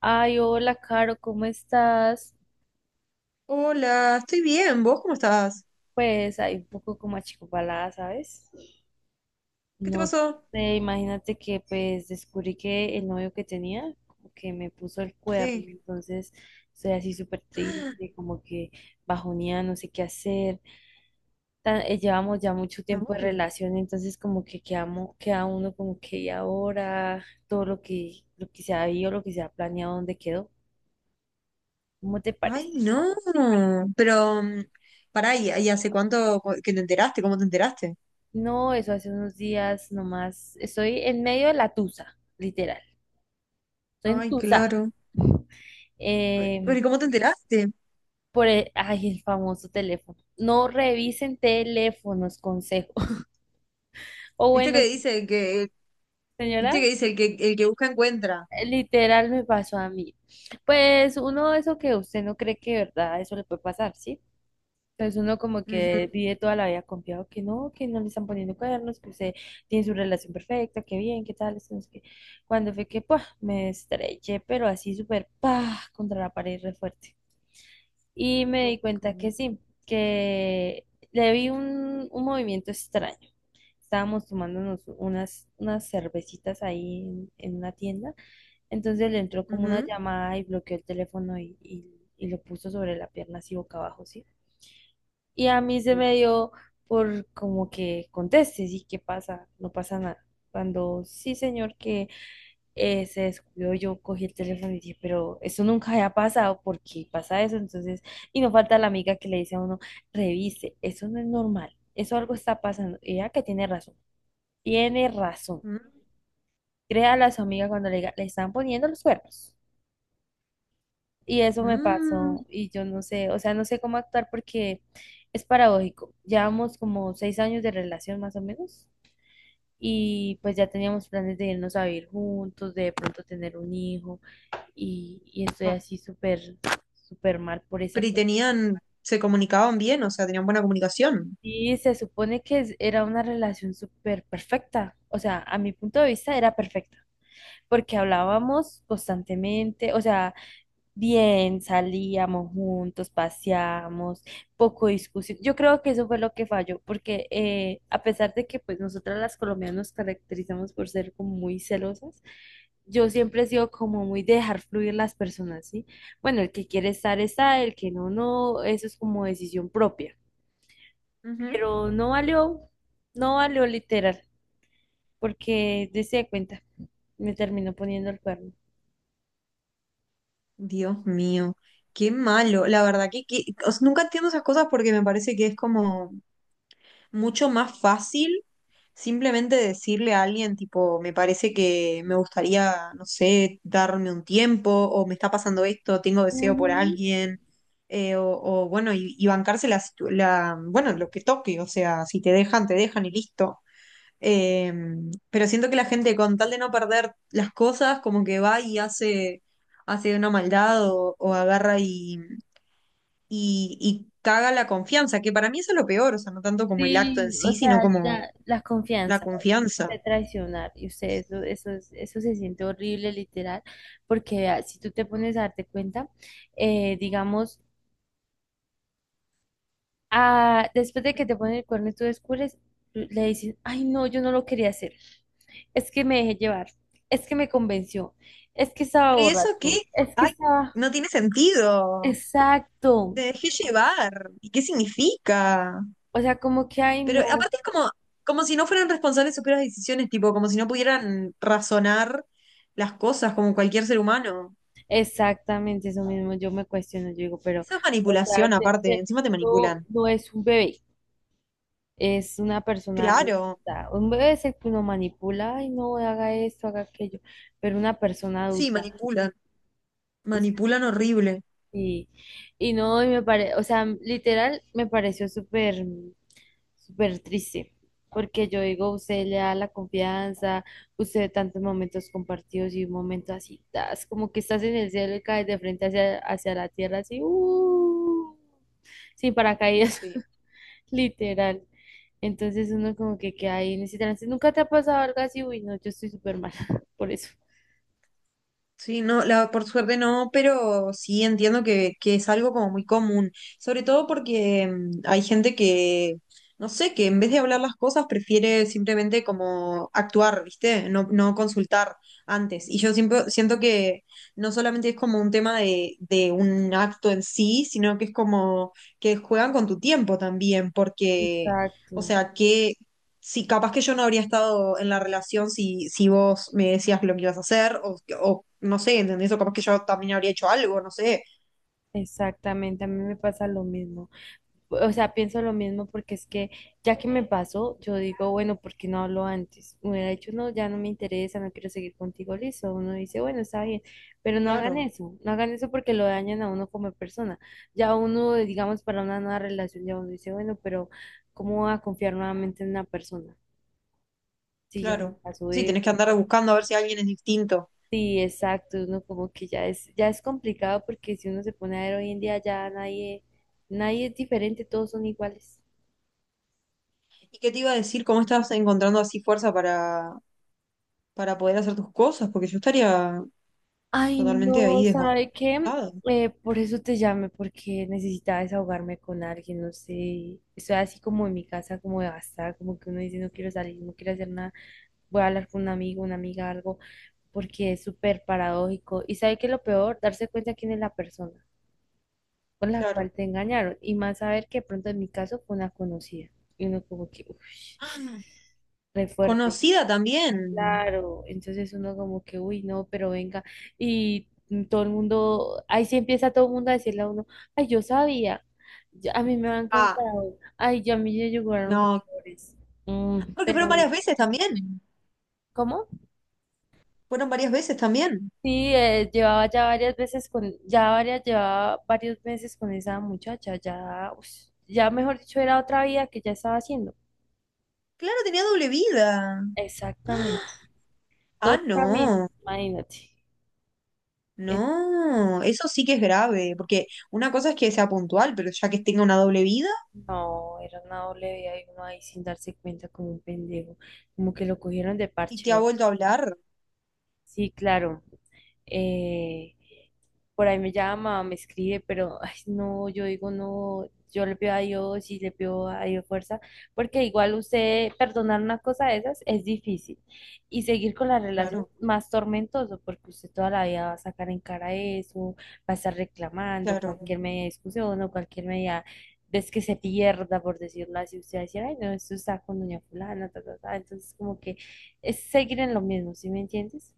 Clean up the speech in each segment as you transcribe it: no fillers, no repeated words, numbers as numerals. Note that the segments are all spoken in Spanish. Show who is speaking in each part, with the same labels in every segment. Speaker 1: Ay, hola, Caro, ¿cómo estás?
Speaker 2: Hola, estoy bien. ¿Vos cómo estás?
Speaker 1: Pues ahí un poco como achicopalada, ¿sabes?
Speaker 2: ¿Qué te
Speaker 1: No
Speaker 2: pasó?
Speaker 1: sé, imagínate que pues descubrí que el novio que tenía como que me puso el cuerno,
Speaker 2: Sí.
Speaker 1: entonces estoy así súper triste, como que bajoneada, no sé qué hacer. Llevamos ya mucho
Speaker 2: ¡Ah!
Speaker 1: tiempo de
Speaker 2: No.
Speaker 1: relación, entonces como que quedamos, queda uno como que y ahora todo lo que se había, lo que se ha planeado, ¿dónde quedó? ¿Cómo te
Speaker 2: Ay,
Speaker 1: parece?
Speaker 2: no. Pero, pará, ¿y hace cuánto que te enteraste? ¿Cómo te enteraste?
Speaker 1: No, eso hace unos días nomás. Estoy en medio de la tusa, literal. Estoy en
Speaker 2: Ay,
Speaker 1: tusa.
Speaker 2: claro.
Speaker 1: eh,
Speaker 2: Pero, ¿y cómo te enteraste?
Speaker 1: Ay, el famoso teléfono. No revisen teléfonos, consejo. O
Speaker 2: ¿Viste que
Speaker 1: bueno,
Speaker 2: dice que, viste
Speaker 1: señora,
Speaker 2: que dice el que busca encuentra?
Speaker 1: literal me pasó a mí. Pues uno, eso que usted no cree que de verdad eso le puede pasar, ¿sí? Entonces uno como que
Speaker 2: Ujú.
Speaker 1: vive toda la vida confiado que no le están poniendo cuernos, que usted tiene su relación perfecta, que bien, que tal, esto, no sé qué. Cuando fue que ¡pua! Me estreché pero así súper pa contra la pared re fuerte. Y me di
Speaker 2: Ok.
Speaker 1: cuenta que sí, que le vi un, movimiento extraño. Estábamos tomándonos unas, cervecitas ahí en una tienda. Entonces le entró como una
Speaker 2: Ujú.
Speaker 1: llamada y bloqueó el teléfono y lo puso sobre la pierna así boca abajo, ¿sí? Y a mí se me dio por como que conteste, sí, ¿qué pasa? No pasa nada. Cuando sí, señor, que se descuidó, yo cogí el teléfono y dije, pero eso nunca había pasado, ¿por qué pasa eso? Entonces, y no falta la amiga que le dice a uno, revise, eso no es normal, eso algo está pasando. Y ella que tiene razón, tiene razón.
Speaker 2: Mm.
Speaker 1: Créale a su amiga cuando le diga, le están poniendo los cuernos. Y eso me
Speaker 2: Mm.
Speaker 1: pasó y yo no sé, o sea, no sé cómo actuar porque es paradójico. Llevamos como 6 años de relación más o menos y pues ya teníamos planes de irnos a vivir juntos, de pronto tener un hijo y estoy así súper, súper mal por esa
Speaker 2: Pero y
Speaker 1: cosa.
Speaker 2: tenían, se comunicaban bien, o sea, tenían buena comunicación.
Speaker 1: Y se supone que era una relación súper perfecta, o sea, a mi punto de vista era perfecta porque hablábamos constantemente, o sea, bien, salíamos juntos, paseamos, poco discusión. Yo creo que eso fue lo que falló, porque a pesar de que pues nosotras las colombianas nos caracterizamos por ser como muy celosas, yo siempre he sido como muy de dejar fluir las personas, ¿sí? Bueno, el que quiere estar está, el que no, no, eso es como decisión propia. Pero no valió, no valió literal, porque dése cuenta, me terminó poniendo el cuerno.
Speaker 2: Dios mío, qué malo. La verdad que o sea, nunca entiendo esas cosas porque me parece que es como mucho más fácil simplemente decirle a alguien, tipo, me parece que me gustaría, no sé, darme un tiempo, o me está pasando esto, tengo deseo por
Speaker 1: Ujú.
Speaker 2: alguien, bueno, y bancarse la, bueno, lo que toque, o sea, si te dejan, te dejan y listo. Eh, pero siento que la gente, con tal de no perder las cosas, como que va y hace, hace una maldad o agarra y caga la confianza, que para mí eso es lo peor, o sea, no tanto como el acto en
Speaker 1: Sí,
Speaker 2: sí,
Speaker 1: o
Speaker 2: sino
Speaker 1: sea,
Speaker 2: como
Speaker 1: ya la
Speaker 2: la
Speaker 1: confianza
Speaker 2: confianza.
Speaker 1: de traicionar y usted eso, eso se siente horrible literal, porque vea, si tú te pones a darte cuenta, digamos, ah, después de que te ponen el cuerno y tú descubres, le dicen, ay, no, yo no lo quería hacer, es que me dejé llevar, es que me convenció, es que estaba
Speaker 2: Pero ¿y eso qué?
Speaker 1: borracho, es que
Speaker 2: Ay,
Speaker 1: estaba,
Speaker 2: no tiene sentido.
Speaker 1: exacto,
Speaker 2: Te dejé llevar. ¿Y qué significa?
Speaker 1: o sea, como que, ay,
Speaker 2: Pero
Speaker 1: no.
Speaker 2: aparte es como, como si no fueran responsables de sus propias decisiones, tipo, como si no pudieran razonar las cosas como cualquier ser humano.
Speaker 1: Exactamente eso mismo, yo me cuestiono, yo digo, pero,
Speaker 2: Eso es
Speaker 1: o sea,
Speaker 2: manipulación aparte,
Speaker 1: este
Speaker 2: encima te
Speaker 1: no,
Speaker 2: manipulan.
Speaker 1: no es un bebé, es una persona
Speaker 2: Claro,
Speaker 1: adulta. Un bebé es el que uno manipula, ay, no, haga esto, haga aquello, pero una persona
Speaker 2: sí,
Speaker 1: adulta.
Speaker 2: manipulan,
Speaker 1: O sea,
Speaker 2: manipulan horrible.
Speaker 1: y, y no, o sea, literal, me pareció súper, súper triste, porque yo digo, usted le da la confianza, usted tantos momentos compartidos y un momento así, tas, como que estás en el cielo y caes de frente hacia la tierra, así, sin paracaídas,
Speaker 2: Sí.
Speaker 1: literal. Entonces uno como que queda ahí en ese trance. ¿Nunca te ha pasado algo así? Uy, no, yo estoy súper mal por eso.
Speaker 2: Sí, no, la, por suerte no, pero sí entiendo que es algo como muy común, sobre todo porque hay gente que, no sé, que en vez de hablar las cosas prefiere simplemente como actuar, ¿viste? No, no consultar antes. Y yo siempre siento que no solamente es como un tema de un acto en sí, sino que es como que juegan con tu tiempo también, porque, o
Speaker 1: Exacto,
Speaker 2: sea, sí, capaz que yo no habría estado en la relación si vos me decías lo que ibas a hacer, o no sé, ¿entendés? O capaz que yo también habría hecho algo, no sé.
Speaker 1: exactamente, a mí me pasa lo mismo. O sea, pienso lo mismo porque es que ya que me pasó, yo digo, bueno, ¿por qué no hablo antes? Me hubiera dicho, no, ya no me interesa, no quiero seguir contigo, listo. Uno dice, bueno, está bien, pero no hagan
Speaker 2: Claro,
Speaker 1: eso, no hagan eso porque lo dañan a uno como persona. Ya uno, digamos, para una nueva relación, ya uno dice, bueno, pero ¿cómo voy a confiar nuevamente en una persona? Si ya me
Speaker 2: claro.
Speaker 1: pasó
Speaker 2: Sí, tenés
Speaker 1: eso.
Speaker 2: que andar buscando a ver si alguien es distinto.
Speaker 1: Sí, exacto, uno como que ya es complicado porque si uno se pone a ver hoy en día ya nadie, nadie es diferente, todos son iguales.
Speaker 2: ¿Y qué te iba a decir? ¿Cómo estás encontrando así fuerza para poder hacer tus cosas? Porque yo estaría
Speaker 1: Ay,
Speaker 2: totalmente
Speaker 1: no,
Speaker 2: ahí
Speaker 1: ¿sabe qué?
Speaker 2: desbastada.
Speaker 1: Por eso te llamé, porque necesitaba desahogarme con alguien, no sé. Estoy así como en mi casa, como de gastar, como que uno dice, no quiero salir, no quiero hacer nada, voy a hablar con un amigo, una amiga, algo, porque es súper paradójico. Y ¿sabe qué es lo peor? Darse cuenta quién es la persona con la cual
Speaker 2: Claro.
Speaker 1: te engañaron, y más saber que de pronto en mi caso fue una conocida. Y uno como que, uff,
Speaker 2: Ah,
Speaker 1: re fuerte.
Speaker 2: conocida también.
Speaker 1: Claro, entonces uno como que, uy, no, pero venga, y todo el mundo, ahí sí empieza todo el mundo a decirle a uno, ay, yo sabía, a mí me han
Speaker 2: Ah,
Speaker 1: contado, ay, ya a mí me llegaron
Speaker 2: no.
Speaker 1: rumores.
Speaker 2: Porque fueron
Speaker 1: Pero,
Speaker 2: varias veces también.
Speaker 1: ¿cómo?
Speaker 2: Fueron varias veces también.
Speaker 1: Sí, llevaba ya varias veces con, ya varias, llevaba varios meses con esa muchacha, ya, ush, ya mejor dicho, era otra vida que ya estaba haciendo.
Speaker 2: Claro, tenía doble vida.
Speaker 1: Exactamente,
Speaker 2: Ah,
Speaker 1: dos caminos,
Speaker 2: no,
Speaker 1: imagínate.
Speaker 2: no, eso sí que es grave, porque una cosa es que sea puntual, pero ya que tenga una doble vida
Speaker 1: No, era una doble vida y uno ahí sin darse cuenta como un pendejo, como que lo cogieron de
Speaker 2: y te ha
Speaker 1: parche.
Speaker 2: vuelto a hablar,
Speaker 1: Sí, claro. Eh, por ahí me llama, me escribe, pero ay, no, yo digo no, yo le pido a Dios y le pido a Dios fuerza, porque igual usted perdonar una cosa de esas es difícil y seguir con la relación
Speaker 2: claro,
Speaker 1: más tormentoso, porque usted toda la vida va a sacar en cara eso, va a estar reclamando
Speaker 2: claro.
Speaker 1: cualquier media discusión o cualquier media es que se pierda, por decirlo así, usted va a decir, ay, no, esto está con doña fulana, ta, ta, ta. Entonces, como que es seguir en lo mismo, ¿sí me entiendes?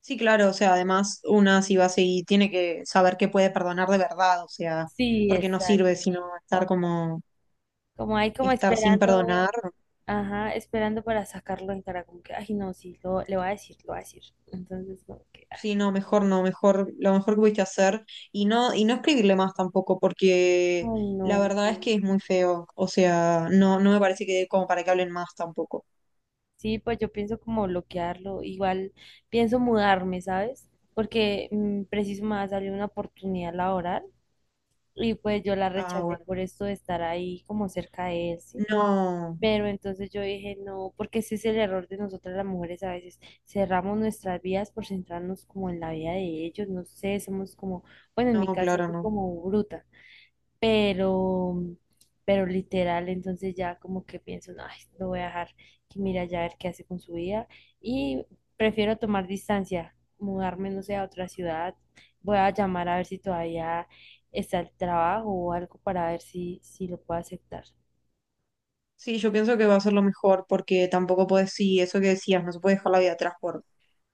Speaker 2: Sí, claro, o sea, además una si va a seguir, tiene que saber que puede perdonar de verdad, o sea,
Speaker 1: Sí,
Speaker 2: porque no sirve
Speaker 1: exacto.
Speaker 2: sino estar como,
Speaker 1: Como ahí como
Speaker 2: estar sin
Speaker 1: esperando,
Speaker 2: perdonar.
Speaker 1: ajá, esperando para sacarlo en cara, como que, ay, no, sí, le voy a decir, lo voy a decir. Entonces, como que, ay,
Speaker 2: Sí, no, mejor no, mejor, lo mejor que pudiste hacer y no escribirle más tampoco, porque
Speaker 1: ay, no.
Speaker 2: la verdad es que es muy feo, o sea, no, no me parece que dé como para que hablen más tampoco.
Speaker 1: Sí, pues yo pienso como bloquearlo, igual pienso mudarme, ¿sabes? Porque preciso me va a salir una oportunidad laboral y pues yo la
Speaker 2: Ah,
Speaker 1: rechacé
Speaker 2: bueno.
Speaker 1: por esto de estar ahí como cerca de él, ¿sí?
Speaker 2: No,
Speaker 1: Pero entonces yo dije, no, porque ese es el error de nosotras las mujeres a veces. Cerramos nuestras vidas por centrarnos como en la vida de ellos, no sé, somos como, bueno, en mi
Speaker 2: no,
Speaker 1: caso
Speaker 2: claro,
Speaker 1: fui
Speaker 2: no.
Speaker 1: como bruta, pero, pero literal, entonces ya como que pienso, no, ay, lo voy a dejar que mira ya a ver qué hace con su vida y prefiero tomar distancia, mudarme, no sé, a otra ciudad, voy a llamar a ver si todavía está el trabajo o algo para ver si, lo puedo aceptar.
Speaker 2: Sí, yo pienso que va a ser lo mejor porque tampoco puedes, sí, eso que decías, no se puede dejar la vida atrás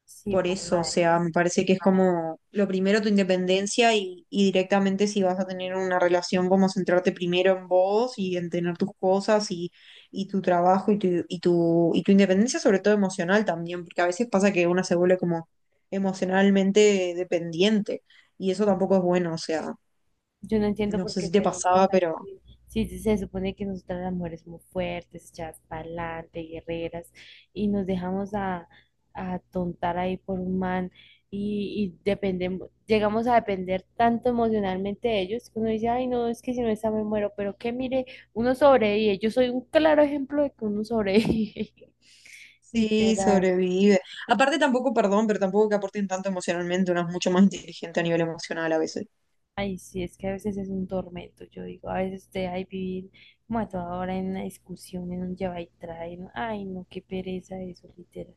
Speaker 1: Sí,
Speaker 2: por
Speaker 1: pues
Speaker 2: eso, o
Speaker 1: madre.
Speaker 2: sea, me parece que es como lo primero tu independencia y directamente si vas a tener una relación, como centrarte primero en vos y en tener tus cosas y tu trabajo y tu, y tu, y tu independencia, sobre todo emocional también, porque a veces pasa que una se vuelve como emocionalmente dependiente y eso tampoco es bueno, o sea,
Speaker 1: Yo no entiendo
Speaker 2: no
Speaker 1: por
Speaker 2: sé
Speaker 1: qué
Speaker 2: si te
Speaker 1: seremos
Speaker 2: pasaba, pero...
Speaker 1: así. Sí, sí, se supone que nosotras las mujeres somos fuertes, echadas para adelante, guerreras, y nos dejamos a tontar ahí por un man y dependemos, llegamos a depender tanto emocionalmente de ellos que uno dice, ay, no, es que si no está me muero, pero que mire, uno sobrevive. Yo soy un claro ejemplo de que uno sobrevive,
Speaker 2: Sí,
Speaker 1: literal.
Speaker 2: sobrevive. Aparte tampoco, perdón, pero tampoco que aporten tanto emocionalmente, uno es mucho más inteligente a nivel emocional a veces.
Speaker 1: Ay, sí, es que a veces es un tormento, yo digo, a veces de ahí vivir como a toda hora en una discusión, en un lleva y trae, ay, no, qué pereza eso, literal.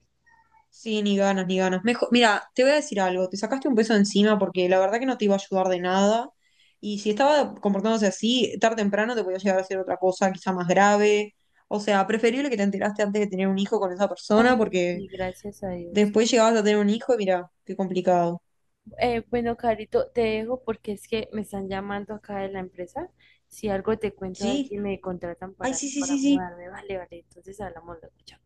Speaker 2: Sí, ni ganas, ni ganas. Mejor, mira, te voy a decir algo, te sacaste un peso de encima porque la verdad que no te iba a ayudar de nada. Y si estaba comportándose así, tarde o temprano te podía llegar a hacer otra cosa, quizá más grave. O sea, preferible que te enteraste antes de tener un hijo con esa persona
Speaker 1: Ay,
Speaker 2: porque
Speaker 1: sí, gracias a Dios.
Speaker 2: después llegabas a tener un hijo y mira, qué complicado.
Speaker 1: Bueno, Carito, te dejo porque es que me están llamando acá de la empresa. Si algo te cuento, a ver
Speaker 2: Sí,
Speaker 1: si me contratan
Speaker 2: ay,
Speaker 1: para,
Speaker 2: sí, sí,
Speaker 1: para
Speaker 2: sí, sí.
Speaker 1: mudarme, vale, vale, entonces hablamos luego, chao.